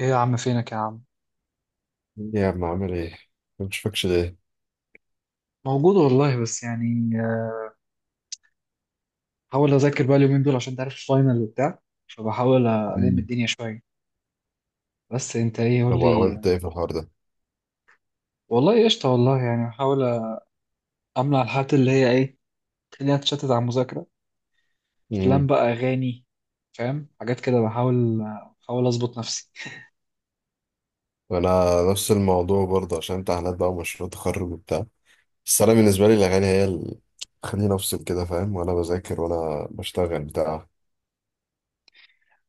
ايه يا عم فينك يا عم؟ يا عم عامل ايه؟ ما بشوفكش ليه؟ موجود والله، بس يعني بحاول اذاكر بقى اليومين دول عشان تعرف الفاينل وبتاع. فبحاول الم مم. الدنيا شويه. بس انت ايه قول طب لي؟ عملت ايه في الحوار ده؟ والله قشطه والله، يعني بحاول امنع الحاجات اللي هي ايه، تخليني اتشتت على المذاكره، افلام امم بقى، اغاني، فاهم حاجات كده. بحاول اظبط نفسي. انا نفس الموضوع برضه عشان امتحانات بقى ومشروع تخرج وبتاع. بس انا بالنسبه لي الاغاني هي اللي خليني افصل كده، فاهم، وانا بذاكر وانا بشتغل بتاع.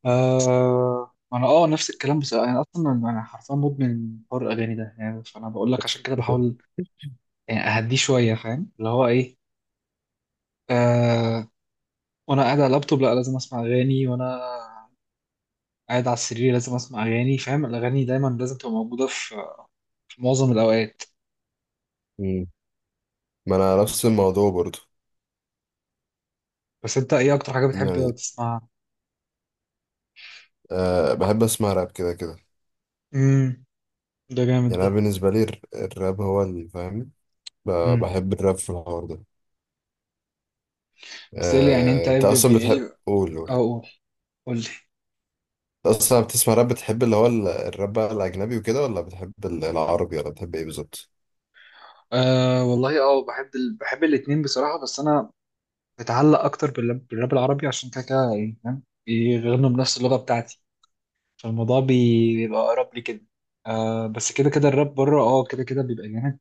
انا نفس الكلام، بس انا اصلا حرفيا مدمن حوار الاغاني ده يعني، فانا بقول لك عشان كده بحاول يعني اهديه شويه فاهم اللي هو ايه. آه، وانا قاعد على اللابتوب لا لازم اسمع اغاني، وانا قاعد على السرير لازم اسمع اغاني، فاهم الاغاني دايما لازم تبقى موجوده في معظم الاوقات. مم. ما انا نفس الموضوع برضه. بس انت ايه اكتر حاجه يعني بتحب تسمعها؟ أه بحب اسمع راب كده كده. امم، ده جامد يعني ده. أنا بالنسبة لي الراب هو اللي فاهم. ب- امم. بحب الراب في الحوار ده. بس ايه اللي يعني انت ايه، أنت أصلا ايه بتحب اللي قول. اقول قول لي؟ أنت أصلا بتسمع راب، بتحب اللي هو الراب بقى الأجنبي وكده، ولا بتحب العربي ولا بتحب إيه بالظبط؟ آه والله، بحب بحب الاتنين بصراحه، بس انا بتعلق اكتر بالراب العربي، عشان كده كده يعني فاهم يغنوا بنفس اللغه بتاعتي، فالموضوع بيبقى اقرب لي كده. بس كده كده الراب بره، كده كده بيبقى جامد،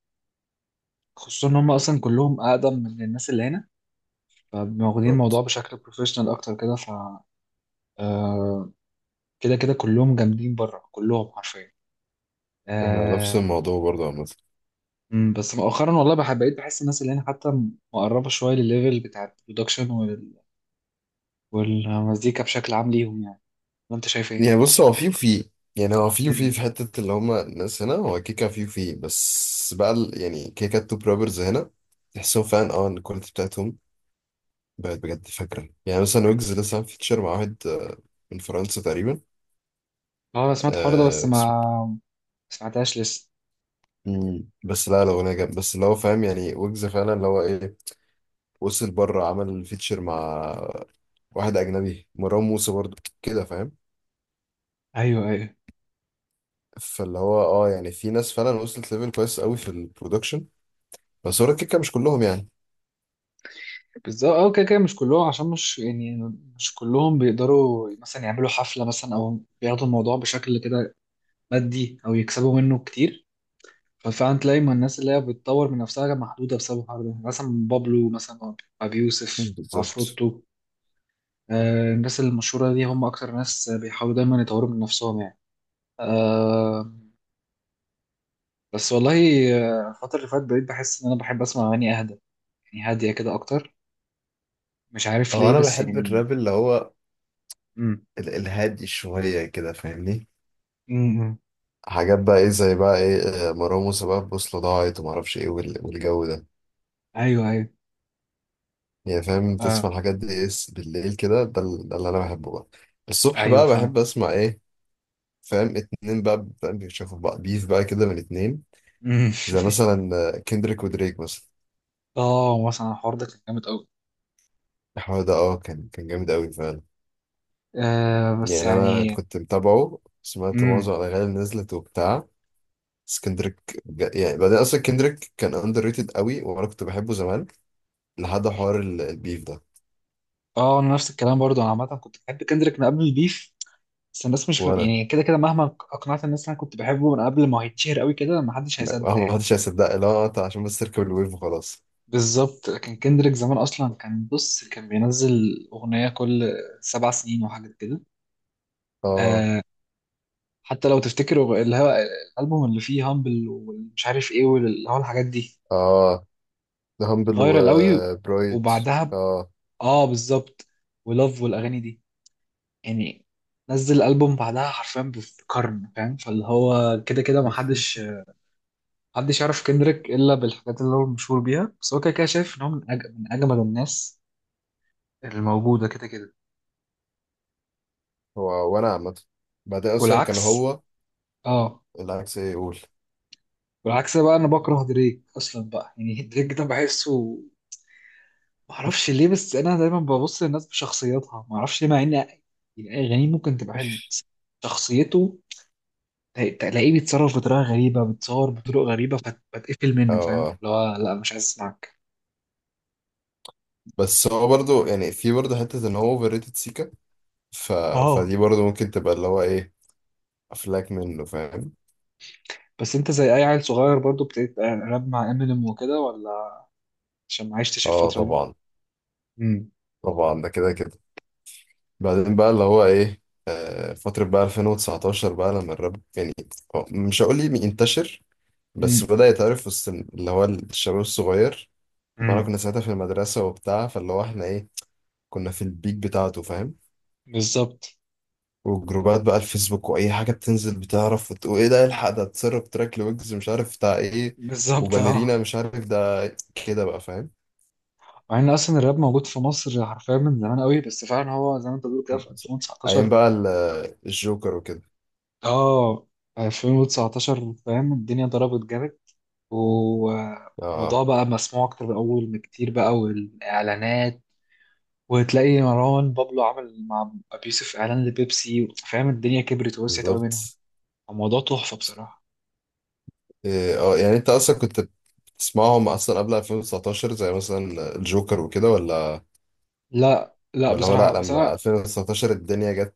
خصوصا ان هم اصلا كلهم اقدم من الناس اللي هنا، فواخدين الموضوع بالظبط. بشكل بروفيشنال اكتر كده ف... آه، كده كده كلهم جامدين بره كلهم حرفيا. إحنا نفس آه، الموضوع برضه عامة. مم، بس مؤخرا والله بحب، بقيت بحس الناس اللي هنا حتى مقربه شويه للليفل بتاع البرودكشن والمزيكا بشكل عام ليهم يعني. وانت شايف ايه؟ يعني بص، هو في وفي، يعني هو في مم. وفي في حتة اللي هما الناس هنا، هو كيكا في وفي. بس بقى يعني كيكا التوب رابرز هنا تحسهم فعلا اه إن الكواليتي بتاعتهم بقت بجد. فاكرة يعني مثلا ويجز لسه عامل فيتشر مع واحد من فرنسا تقريبا. اه انا سمعت الحوار ده بس آه ما اسم- ما سمعتهاش لسه. مم. بس لا لو انا جامد، بس اللي هو فاهم، يعني ويجز فعلا اللي هو ايه وصل بره، عمل فيتشر مع واحد اجنبي، مروان موسى برضه، كده فاهم. ايوه ايوه. فاللي هو اه يعني في ناس فعلا وصلت ليفل كويس قوي في البرودكشن، بس هو الكيكه مش كلهم يعني. بالظبط، كده كده مش كلهم، عشان مش يعني مش كلهم بيقدروا مثلا يعملوا حفله مثلا او بياخدوا الموضوع بشكل كده مادي، او يكسبوا منه كتير. ففعلا تلاقي ما الناس اللي هي بتطور من نفسها محدوده بسبب الحوار ده، مثلا بابلو، مثلا ابي مم. يوسف، بالظبط. عفروتو. الناس المشهوره دي هم اكتر ناس بيحاولوا دايما يطوروا من نفسهم يعني. آه بس والله، الفتره اللي فاتت بقيت بحس ان انا بحب اسمع اغاني اهدى، يعني هاديه كده اكتر، مش عارف هو ليه انا بس بحب يعني. الراب اللي هو امم. الهادي شويه كده، فاهمني، امم. حاجات بقى ايه زي بقى ايه. مروان موسى بقى البوصله ضاعت وما اعرفش ايه والجو ده. ايوه ايوه. يعني فاهم تسمع آه الحاجات دي اس بالليل كده ده، ده اللي انا بحبه بقى. الصبح ايوه بقى فاهم. بحب اسمع ايه، فاهم اتنين بقى، فاهم بيشوفوا بقى بيف بقى كده من اتنين، مم. زي مثلا كندريك ودريك مثلا. اه مثلا الحوار ده كان جامد قوي. الحوار ده اه كان جامد قوي فعلا. بس يعني انا يعني. كنت متابعه، سمعت معظم مم. الاغاني اللي نزلت وبتاع. بس كندريك يعني بعدين اصلا كندريك كان اندر ريتد قوي، وانا كنت بحبه زمان لحد حوار البيف ده. اه انا نفس الكلام برضو، انا عامه كنت بحب كندريك من قبل البيف، بس الناس مش وانا يعني كده كده مهما اقنعت الناس إن انا كنت بحبه من قبل ما هيتشهر قوي كده، ما حدش ما هيصدق ما يعني. حدش هيصدق اللي هو انت عشان بس تركب الويف وخلاص. بالظبط، لكن كندريك زمان اصلا كان بص كان بينزل اغنيه كل 7 سنين وحاجه كده. اه. آه حتى لو تفتكروا اللي هو الالبوم اللي فيه هامبل ومش عارف ايه، واللي هو الحاجات دي اه، ده هامبل فايرال قوي. وبرايد. وبعدها اه. اه بالظبط، ولاف والاغاني دي، يعني نزل ألبوم بعدها حرفيا بقرن فاهم، فاللي هو كده كده محدش محدش يعرف كندريك إلا بالحاجات اللي هو مشهور بيها، بس هو كده كده شايف إن هو من أجمد الناس الموجودة كده كده. هو وانا عامة، بعدين اصلا كان والعكس. هو اه العكس. ايه يقول؟ والعكس بقى، أنا بكره دريك أصلا بقى يعني، دريك ده بحسه معرفش ليه، بس أنا دايما ببص للناس بشخصياتها معرفش ليه، مع إن يعني أغانيه ممكن تبقى حلوة بس شخصيته، تلاقيه بيتصرف بطريقه غريبه، بيتصور بطرق غريبه، فتقفل منه فاهم اه اللي هو لا مش عايز اسمعك. بس هو برضو، يعني في برضو حتة ان هو اوفر ريتد سيكا، ف... اه فدي برضو ممكن تبقى اللي هو ايه افلاك منه، فاهم. بس انت زي اي عيل صغير برضو ابتديت راب مع امينيم وكده، ولا عشان ما عشتش اه الفتره دي؟ طبعا. امم. طبعا ده كده كده. بعدين بقى اللي هو ايه، فترة بقى 2019 بقى لما الراب يعني هو مش هقول لي انتشر، بس امم. بدأ يتعرف وسط اللي هو الشباب الصغير. ما انا امم. كنا ساعتها في المدرسة وبتاع، فاللي هو احنا ايه كنا في البيك بتاعته، فاهم. بالظبط. وجروبات بقى الفيسبوك واي حاجه بتنزل بتعرف وتقول ايه ده، الحق ده اتسرب تراك لويجز مش عارف بتاع ايه، بالظبط، وباليرينا مش عارف ده، كده بقى، فاهم. مع ان اصلا الراب موجود في مصر حرفيا من زمان قوي، بس فعلا هو زي ما انت بتقول كده في ايام 2019. بقى الجوكر وكده. اه 2019 فاهم الدنيا ضربت جامد، اه والموضوع بقى مسموع اكتر من الاول بكتير بقى، والاعلانات وتلاقي مروان بابلو عمل مع أبي يوسف إعلان لبيبسي، فاهم الدنيا كبرت ووسعت قوي منهم. بالظبط. الموضوع تحفة بصراحة. إيه، اه يعني انت اصلا كنت بتسمعهم اصلا قبل 2019 زي مثلا الجوكر وكده، ولا لا لا هو لا بصراحة بس لما أنا. 2019 الدنيا جت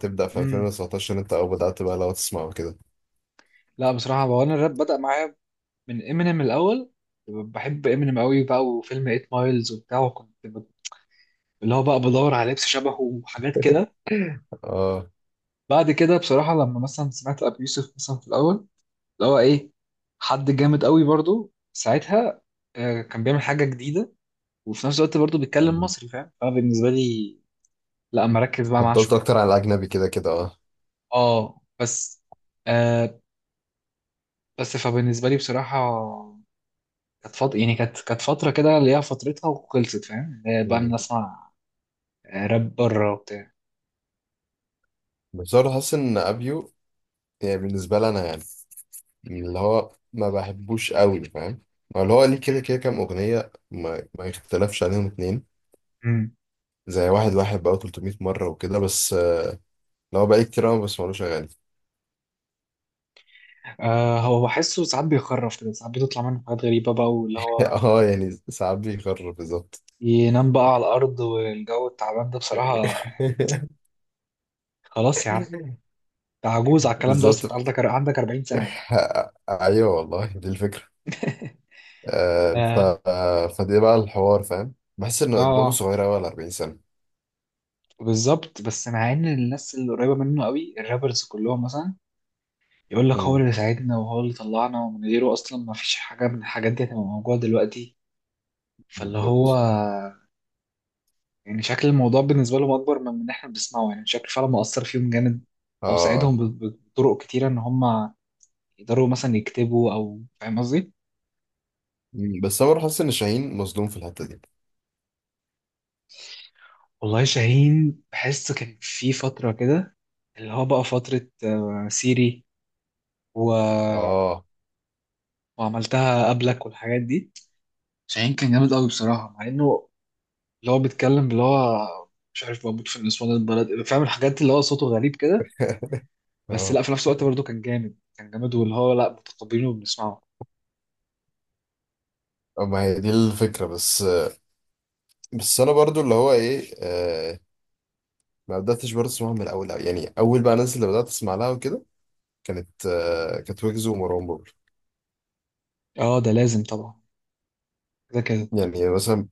تبدأ في مم. 2019 انت، او بدأت بقى لو تسمعه كده. لا بصراحة هو، أنا الراب بدأ معايا من إمينيم الأول، بحب إمينيم قوي بقى، وفيلم 8 مايلز وبتاع، وكنت اللي هو بقى بدور على لبس شبهه وحاجات كده. اه بعد كده بصراحة لما مثلا سمعت أبي يوسف مثلا في الأول اللي هو إيه، حد جامد قوي برضو ساعتها، كان بيعمل حاجة جديدة، وفي نفس الوقت برضه بيتكلم مصري فاهم، فبالنسبة لي لا مركز بقى معاه فضلت شويه. اكتر على الاجنبي كده كده اه. اه بس آه بس فبالنسبه لي بصراحه كانت فتره يعني، كانت فتره كده ليها فترتها وخلصت فاهم. بقى مم. بنسمع راب بره وبتاع. بس انا حاسس ان ابيو يعني بالنسبه لي انا يعني اللي هو ما بحبوش قوي، فاهم. هو اللي هو ليه كده كده كام اغنيه ما يختلفش عليهم اتنين، مم. زي واحد واحد بقى 300 مره وكده. بس اللي هو بقالي كتير أوي ما بسمعلوش اغاني. هو بحسه ساعات بيخرف كده، ساعات بتطلع منه حاجات غريبه بقى، واللي هو اه يعني ساعات بيخرب بالظبط. ينام بقى على الارض والجو التعبان ده بصراحه. خلاص يا عم. انت عجوز على الكلام ده اصلا، انت بالظبط. عندك 40 سنه. ايوه والله دي الفكره. آه، ف اه آه، فدي بقى الحوار، فاهم. بحس اه، ان دماغه صغيره قوي على 40 سنه. بالظبط، بس مع ان الناس اللي قريبه منه قوي الرابرز كلهم مثلا يقول لك هو مم. اللي ساعدنا وهو اللي طلعنا، ومن غيره اصلا ما فيش حاجه من الحاجات دي هتبقى موجوده دلوقتي، فاللي هو بالظبط يعني شكل الموضوع بالنسبه لهم اكبر من احنا بنسمعه، يعني شكل فعلا مؤثر فيهم جامد، او اه. ساعدهم بطرق كتيره ان هم يقدروا مثلا يكتبوا، او فاهم قصدي. مم. بس انا برضه حاسس ان شاهين مظلوم في الحته دي. والله شاهين، بحس كان في فتره كده اللي هو بقى فتره سيري و... اه وعملتها قبلك والحاجات دي، شاهين كان جامد قوي بصراحه مع انه، اللي هو بيتكلم اللي هو مش عارف موجود في نسوان البلد، فاهم الحاجات اللي هو صوته غريب كده، بس لا اه. في نفس الوقت برضه كان جامد واللي هو لا متقبلينه وبنسمعه. ما هي دي الفكره. بس انا برضو اللي هو ايه آه ما بداتش برضه اسمعها من الاول أوي. يعني اول بقى الناس اللي بدات اسمع لها وكده كانت ويجز ومروان بابلو. اه ده لازم طبعا، كده كده. يعني مثلا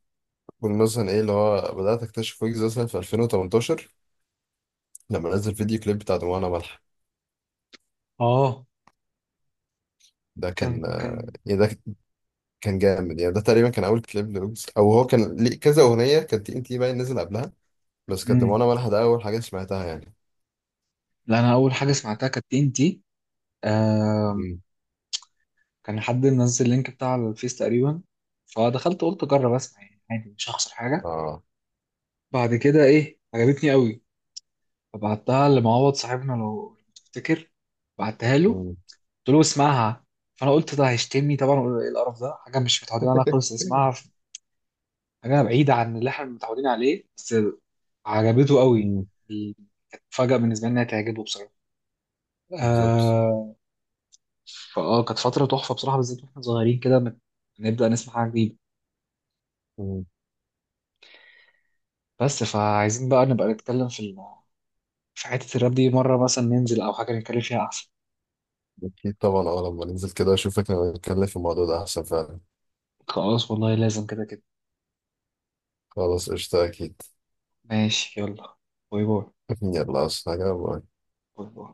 بقول مثلا ايه، اللي هو بدات اكتشف ويجز مثلا في 2018 لما نزل فيديو كليب بتاع دموعنا ملح. اه ده كان كان آه كان يعني ده كان جامد. يعني ده تقريبا كان اول كليب لويجز، او هو كان ليه كذا اغنيه، كانت تي ان تي باين نزل قبلها. بس كانت امم، دموعنا ملح ده اول حاجه سمعتها يعني. لا انا اول حاجه سمعتها كانت TNT، كان حد منزل اللينك بتاع الفيس تقريبا، فدخلت قلت اجرب اسمع يعني عادي مش هخسر حاجه. اه. بعد كده ايه عجبتني قوي، فبعتها لمعوض صاحبنا لو تفتكر، بعتها له، مم. قلت له اسمعها. فانا قلت ده هيشتمني طبعا وأقول له ايه القرف ده، حاجه مش متعودين عليها خالص، اسمعها، حاجه بعيده عن اللي احنا متعودين عليه، بس عجبته قوي. مم. كانت فجأة بالنسبه لي انها تعجبه بصراحه. بالظبط. آه فاه كانت فتره تحفه بصراحه، بالذات واحنا صغيرين كده نبدا نسمع حاجه جديده. مم. بس فعايزين بقى نبقى نتكلم في في حته الراب دي مره، مثلا ننزل او حاجه نتكلم فيها احسن. اكيد طبعا، اه لما ننزل كده اشوفك نبقى نتكلم في الموضوع ده احسن فعلا. خلاص والله، لازم كده كده. خلاص قشطة اكيد. ماشي يلا، باي باي. يلا عاوز حاجة؟ باي. باي باي.